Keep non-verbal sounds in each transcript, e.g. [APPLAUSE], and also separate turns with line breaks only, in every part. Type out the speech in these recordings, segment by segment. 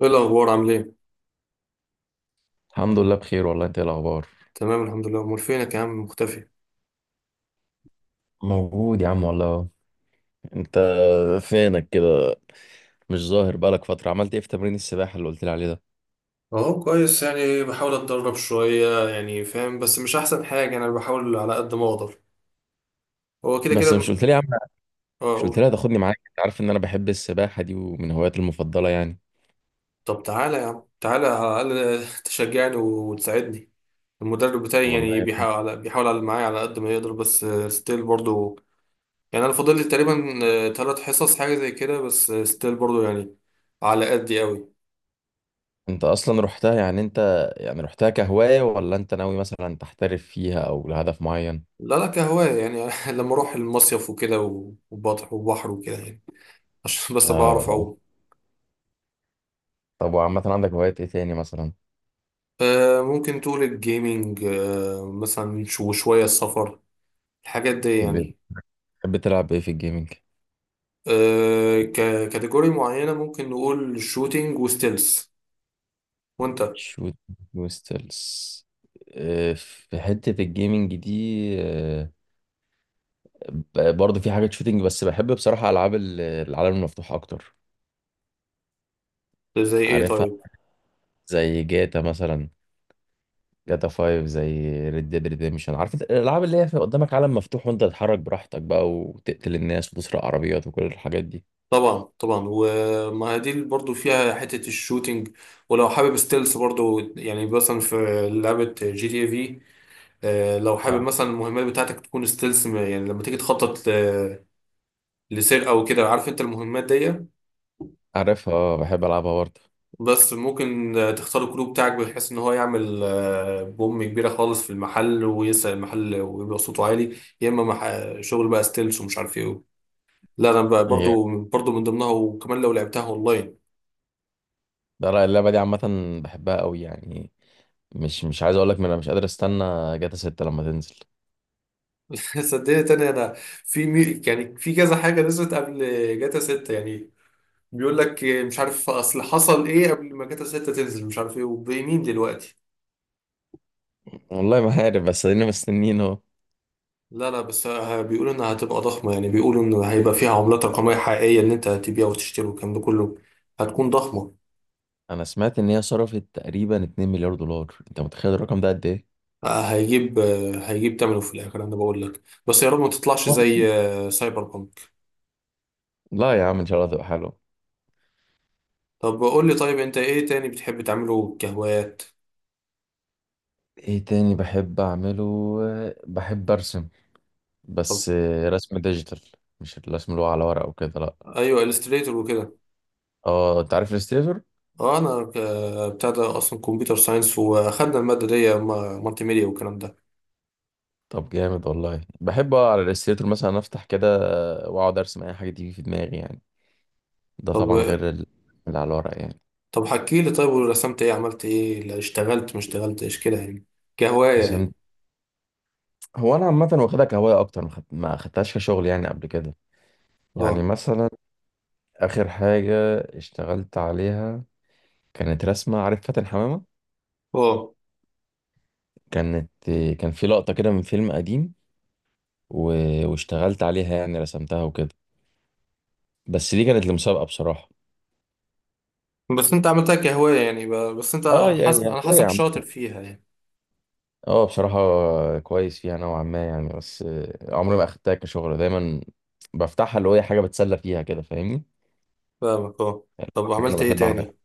ايه الاخبار؟ عامل ايه؟
الحمد لله بخير والله. انت ايه الاخبار؟
تمام، الحمد لله. امال فينك يا عم؟ مختفي.
موجود يا عم والله. انت فينك كده؟ مش ظاهر بقالك فتره. عملت ايه في تمرين السباحه اللي قلت لي عليه ده؟
اهو كويس، يعني بحاول اتدرب شويه، يعني فاهم، بس مش احسن حاجه، انا بحاول على قد ما اقدر. هو كده
بس مش
كده.
قلت لي يا عم،
اه
مش قلت
اقول.
لي هتاخدني معاك؟ انت عارف ان انا بحب السباحه دي ومن هواياتي المفضله يعني.
طب تعالى يا عم، تعالى على الاقل [LAUGHS] تشجعني وتساعدني. المدرب بتاعي يعني
والله
بيحاول على معايا على قد ما يقدر، بس ستيل برضو. يعني انا فاضل لي تقريبا ثلاث حصص حاجه زي كده، بس ستيل برضو يعني. على قدي قوي.
انت اصلا رحتها؟ يعني انت يعني رحتها كهوايه ولا انت ناوي مثلا تحترف فيها او لهدف معين؟
لا لا، كهواية يعني [LAUGHS] لما اروح المصيف وكده، وبحر وبحر وكده يعني. عشان بس بعرف
آه.
أعوم.
طب وعامه عندك هوايات ايه تاني مثلا؟
ممكن تقول الجيمينج، مثلا وشوية السفر، الحاجات دي يعني.
بتحب تلعب ايه في الجيمنج؟
ككاتيجوري معينة ممكن نقول شوتينج وستيلز. وانت،
شوت كوستلز، آه، في حتة الجيمنج دي، آه، برضه في حاجة شوتينج، بس بحب بصراحة ألعاب العالم المفتوح أكتر.
زي ايه
عارفها،
طيب؟
زي جاتا مثلا، جاتا 5، زي ريد ديد ريديمشن. عارف انت الألعاب اللي هي في قدامك عالم مفتوح وأنت تتحرك براحتك بقى وتقتل الناس وتسرق عربيات وكل الحاجات دي.
طبعا طبعا، وما دي برضو فيها حتة الشوتينج، ولو حابب ستيلز برضو يعني، مثلا في لعبة جي تي اي في. لو حابب
آه.
مثلا المهمات بتاعتك تكون ستيلز، يعني لما تيجي تخطط لسرقة وكده، عارف انت المهمات دي.
عارفها، اه بحب ألعبها برضه.
بس ممكن، تختار الكلو بتاعك بحيث ان هو يعمل، بوم كبيره خالص في المحل، ويسرق المحل ويبقى صوته عالي، يا اما شغل بقى ستيلز ومش عارف ايه. لا، انا بقى
هي
برضو من ضمنها، وكمان لو لعبتها اونلاين.
ده رأي اللعبة دي عامة، بحبها قوي يعني. مش عايز أقول لك، أنا مش قادر أستنى جاتا 6 لما تنزل.
[LAUGHS] صدقني تاني انا، في مي... يعني في كذا حاجه نزلت قبل جاتا 6 يعني. بيقول لك، مش عارف اصل حصل ايه قبل ما جاتا 6 تنزل، مش عارف ايه وبمين دلوقتي.
والله ما عارف، بس ادينا مستنيين اهو.
لا لا، بس بيقولوا انها هتبقى ضخمة، يعني بيقولوا ان هيبقى فيها عملات رقمية حقيقية، ان انت هتبيع وتشتري والكلام ده كله. هتكون ضخمة.
انا سمعت ان هي صرفت تقريبا 2 مليار دولار، انت متخيل الرقم ده قد ايه؟
هيجيب تمنه في الاخر، انا بقول لك بس يا رب ما تطلعش زي، سايبر بانك.
لا يا عم ان شاء الله تبقى حلو.
طب قول لي طيب، انت ايه تاني بتحب تعمله كهوايات؟
ايه تاني بحب اعمله؟ بحب ارسم،
طب
بس رسم ديجيتال، مش الرسم اللي هو على ورق وكده، لا.
ايوه، الستريتور وكده.
اه انت عارف الستيتور.
اه انا بتاع ده اصلا كمبيوتر ساينس، واخدنا المادة دي مالتي ميديا والكلام ده.
طب جامد والله. بحب اقعد على الستيتور مثلا، افتح كده واقعد ارسم اي حاجه تيجي في دماغي يعني. ده طبعا
طب.
غير اللي على الورق يعني.
طب حكي لي طيب، ورسمت ايه؟ عملت ايه؟ لا اشتغلت ما اشتغلتش كده يعني، كهواية يعني.
رسمت، هو انا عامه واخدها كهوايه اكتر، ما خدتهاش كشغل يعني قبل كده. يعني
اه.
مثلا آخر حاجة اشتغلت عليها كانت رسمة، عارف فاتن حمامة؟
اه
كانت، كان في لقطة كده من فيلم قديم، و... واشتغلت عليها يعني، رسمتها وكده. بس دي كانت لمسابقة بصراحة.
بس انت عملتها كهواية يعني، بس انت،
اه، يا يا
انا
هو يا
حاسك
عم.
شاطر فيها يعني.
اه بصراحة كويس فيها نوعا ما يعني، بس آه، عمري ما أخدتها كشغل. دايما بفتحها اللي هو هي حاجة بتسلى فيها كده، فاهمني؟
فاهمك اه. طب
حاجة أنا
عملت ايه
بحب أعملها.
تاني؟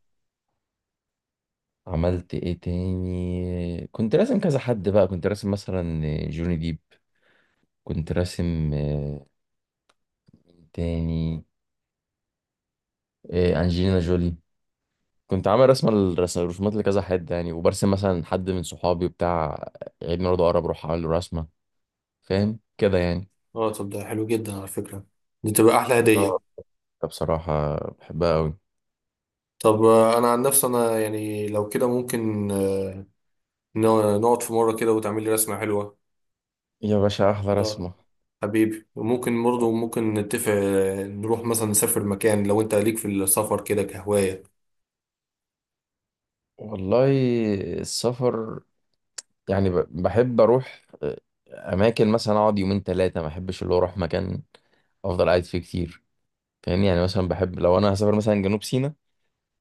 عملت إيه تاني؟ كنت راسم كذا حد بقى. كنت راسم مثلا جوني ديب، كنت راسم تاني إيه، انجلينا جولي. كنت عامل رسمه، الرسومات لكذا حد يعني. وبرسم مثلا حد من صحابي بتاع عيد ميلاده قرب، اروح اعمل له رسمه، فاهم كده يعني؟
اه، طب ده حلو جدا على فكرة، دي تبقى احلى
اه
هدية.
بصراحه بحبها قوي.
طب، انا عن نفسي، انا يعني لو كده ممكن، نقعد في مرة كده وتعمل لي رسمة حلوة.
يا باشا احلى
اه
رسمه.
حبيبي، وممكن برضه ممكن نتفق، نروح مثلا نسافر مكان لو انت ليك في السفر كده كهواية.
والله السفر، يعني بحب اروح آه، اماكن مثلا اقعد يومين ثلاثه. ما بحبش اللي هو اروح مكان افضل قاعد فيه كتير، فاهمني؟ يعني مثلا بحب لو انا هسافر مثلا جنوب سيناء،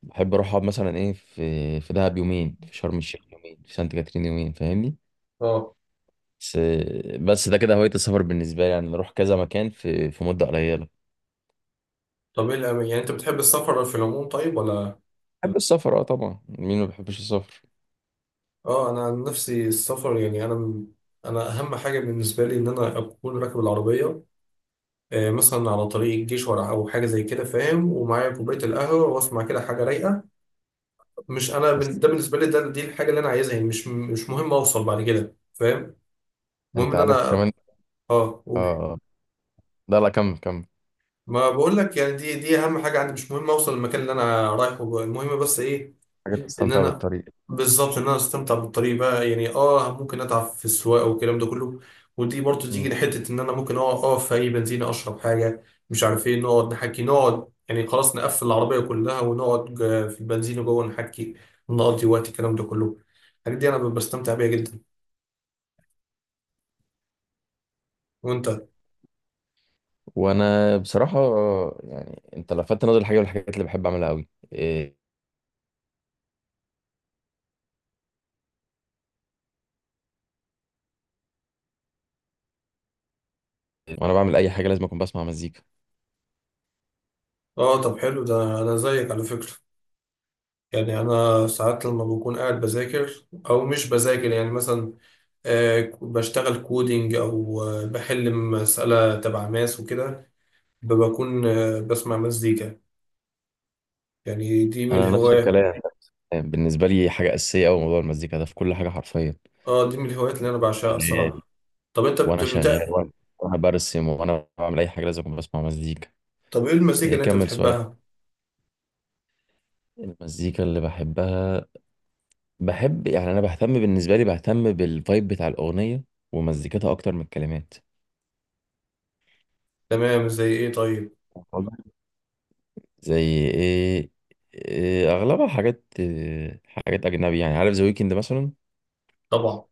بحب اروح اقعد مثلا ايه، في في دهب يومين، في شرم الشيخ يومين، في سانت كاترين يومين، فاهمني؟
اه،
بس بس ده كده هواية السفر بالنسبة لي يعني، بروح كذا مكان في في مدة قليلة.
طب ايه يعني انت بتحب السفر في العموم طيب ولا؟
بحب السفر اه طبعا، مين ما بيحبش السفر؟
اه انا عن نفسي السفر يعني انا اهم حاجه بالنسبه لي ان انا اكون راكب العربيه، مثلا على طريق الجيش ولا او حاجه زي كده، فاهم، ومعايا كوبايه القهوه واسمع كده حاجه رايقه. مش انا
بس
ده بالنسبه لي، ده دي الحاجه اللي انا عايزها يعني، مش مهم اوصل بعد كده، فاهم. المهم
انت
ان انا.
عارف كمان.
اه قول.
اه لا لا، كمل.
ما بقول لك يعني دي اهم حاجه عندي، مش مهم اوصل المكان اللي انا رايحه، المهم بس ايه؟
حاجات
ان
تستمتع
انا.
بالطريق.
بالظبط، ان انا استمتع بالطريق بقى يعني، اه ممكن اتعب في السواقه والكلام ده كله، ودي برضو تيجي
مم.
لحته ان انا ممكن اقف في اي بنزينه اشرب حاجه. مش عارف ايه، نقعد نحكي، نقعد يعني خلاص نقفل العربيه كلها، ونقعد في البنزينه جوه نحكي، نقضي وقت، الكلام ده كله. الحاجات دي انا بستمتع بيها جدا. وانت؟
وانا بصراحة آه، يعني انت لفتت نظري الحاجة من الحاجات اللي بحب اعملها قوي إيه، وانا بعمل اي حاجة لازم اكون بسمع مزيكا.
اه طب حلو، ده انا زيك على فكره، يعني انا ساعات لما بكون قاعد بذاكر او مش بذاكر يعني مثلا، بشتغل كودينج او، بحل مسألة تبع ماس وكده، بكون، بسمع مزيكا، يعني دي من
انا نفس
الهوايات.
الكلام، بالنسبة لي حاجة اساسية اوي موضوع المزيكا ده في كل حاجة حرفيا.
اه، دي من الهوايات اللي انا بعشقها الصراحة. طب انت
وانا شغال،
بتبدأ؟
وانا وأنا برسم، وانا بعمل اي حاجه لازم أكون بسمع مزيكا.
طب ايه المزيكا
إيه،
اللي انت
كمل سؤالك.
بتحبها؟
المزيكا اللي بحبها، بحب يعني انا بهتم، بالنسبه لي بهتم بالفايب بتاع الاغنيه ومزيكتها اكتر من الكلمات.
تمام زي ايه طيب؟
والله. زي ايه؟ إيه، اغلبها حاجات إيه، حاجات اجنبي يعني، عارف ذا ويكند مثلا؟
طبعا.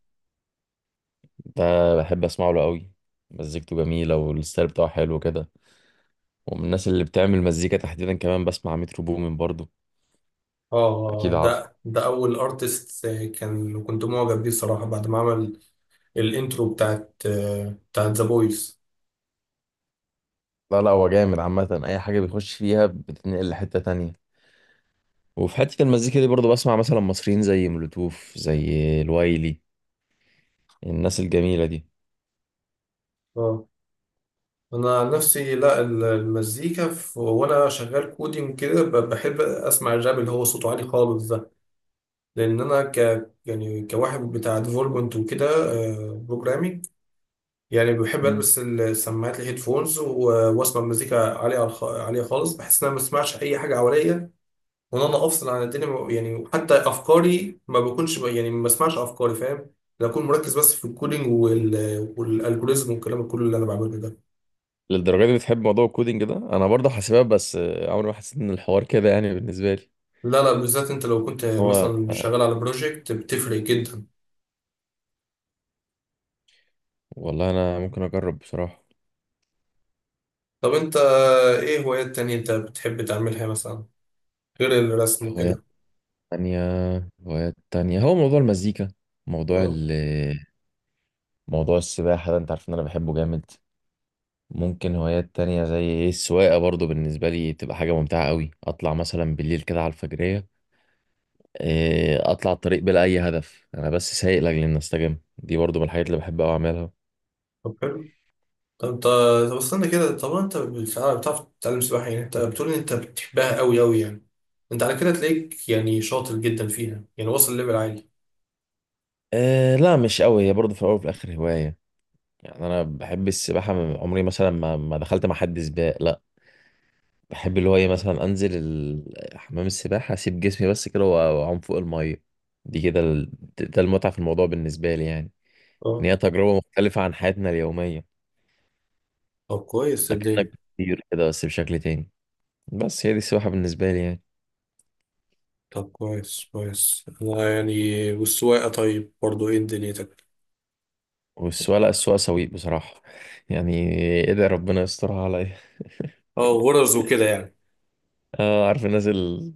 ده بحب اسمعه له قوي، مزيكته جميله والستايل بتاعه حلو كده. ومن الناس اللي بتعمل مزيكا تحديدا كمان بسمع مترو بومين برضو. اكيد
اه
عارف.
ده اول ارتست كان كنت معجب بيه الصراحة بعد ما عمل الانترو بتاعت ذا بويز.
لا لا هو جامد عامة، أي حاجة بيخش فيها بتتنقل لحتة تانية. وفي حتة المزيكا دي برضو بسمع مثلا مصريين زي مولوتوف، زي الوايلي، الناس الجميلة دي.
انا عن نفسي لا، المزيكا، في وانا شغال كودينج كده، بحب اسمع الراب اللي هو صوته عالي خالص ده، لان انا ك يعني كواحد بتاع ديفلوبمنت وكده، بروجرامينج، يعني بحب
مم.
البس السماعات الهيدفونز واسمع مزيكا عاليه على عاليه خالص، بحس ان انا ما بسمعش اي حاجه حواليا، وان انا افصل عن الدنيا يعني حتى افكاري ما بكونش يعني ما بسمعش افكاري، فاهم. بكون مركز بس في الكودينج، والالجوريزم والكلام كله اللي انا بعمله ده.
للدرجة دي بتحب موضوع الكودينج ده؟ أنا برضه حاسبات، بس آه، عمري ما حسيت إن الحوار كده يعني بالنسبة لي.
لا لا، بالذات انت لو كنت
هو
مثلا شغال على بروجكت بتفرق جدا.
والله أنا ممكن أجرب بصراحة.
طب انت ايه هوايات تانية انت بتحب تعملها مثلا غير الرسم
هوايات
وكده؟
تانية؟ هوايات تانية هو موضوع المزيكا، موضوع
اه،
ال، موضوع السباحة ده أنت عارف إن أنا بحبه جامد. ممكن هوايات تانية زي ايه، السواقة برضو بالنسبة لي تبقى حاجة ممتعة قوي. اطلع مثلا بالليل كده على الفجرية، إيه، اطلع الطريق بلا اي هدف، انا بس سايق لاجل ان استجم. دي برضو من الحاجات اللي بحب قوي اعملها.
طب حلو، طب انت، طب استنى كده، طب انت بتعرف تتعلم سباحة؟ يعني انت بتقول ان انت بتحبها قوي قوي يعني، انت على كده تلاقيك يعني شاطر جدا فيها يعني واصل ليفل عالي.
إيه، لا مش قوي، هي برضو في الاول وفي الاخر هواية. يعني انا بحب السباحة من عمري، مثلا ما دخلت مع حد سباق لا. بحب اللي هو ايه، مثلا انزل حمام السباحة، اسيب جسمي بس كده واعوم فوق المية. دي كده ده المتعة في الموضوع بالنسبة لي يعني، ان
اه
هي تجربة مختلفة عن حياتنا اليومية.
طب كويس
اكنك
صدقني.
بتطير كده بس بشكل تاني، بس هي دي السباحة بالنسبة لي يعني.
طب كويس كويس، انا يعني، والسواقة طيب برضو، ايه دنيتك؟
والسواقة، لا السواقة سويق بصراحة يعني، ادعي ربنا يسترها عليا.
اه غرز وكده يعني.
اه عارف الناس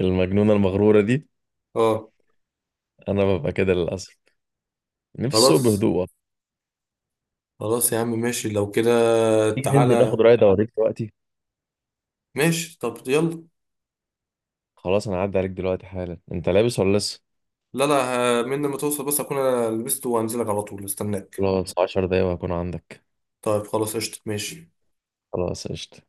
المجنونة المغرورة دي،
اه،
انا ببقى كده للأسف. نفسي السوق
خلاص،
بهدوء والله.
خلاص يا عم ماشي لو كده.
تيجي ننزل ناخد
تعالى،
رايد اوريك دلوقتي؟
ماشي طب يلا.
خلاص انا هعدي عليك دلوقتي حالا. انت لابس ولا لسه؟
لا لا من لما توصل، بس اكون انا لبست وهنزلك على طول استناك.
خلاص 10 دقايق وهكون عندك.
طيب خلاص قشطة ماشي.
خلاص قشطة.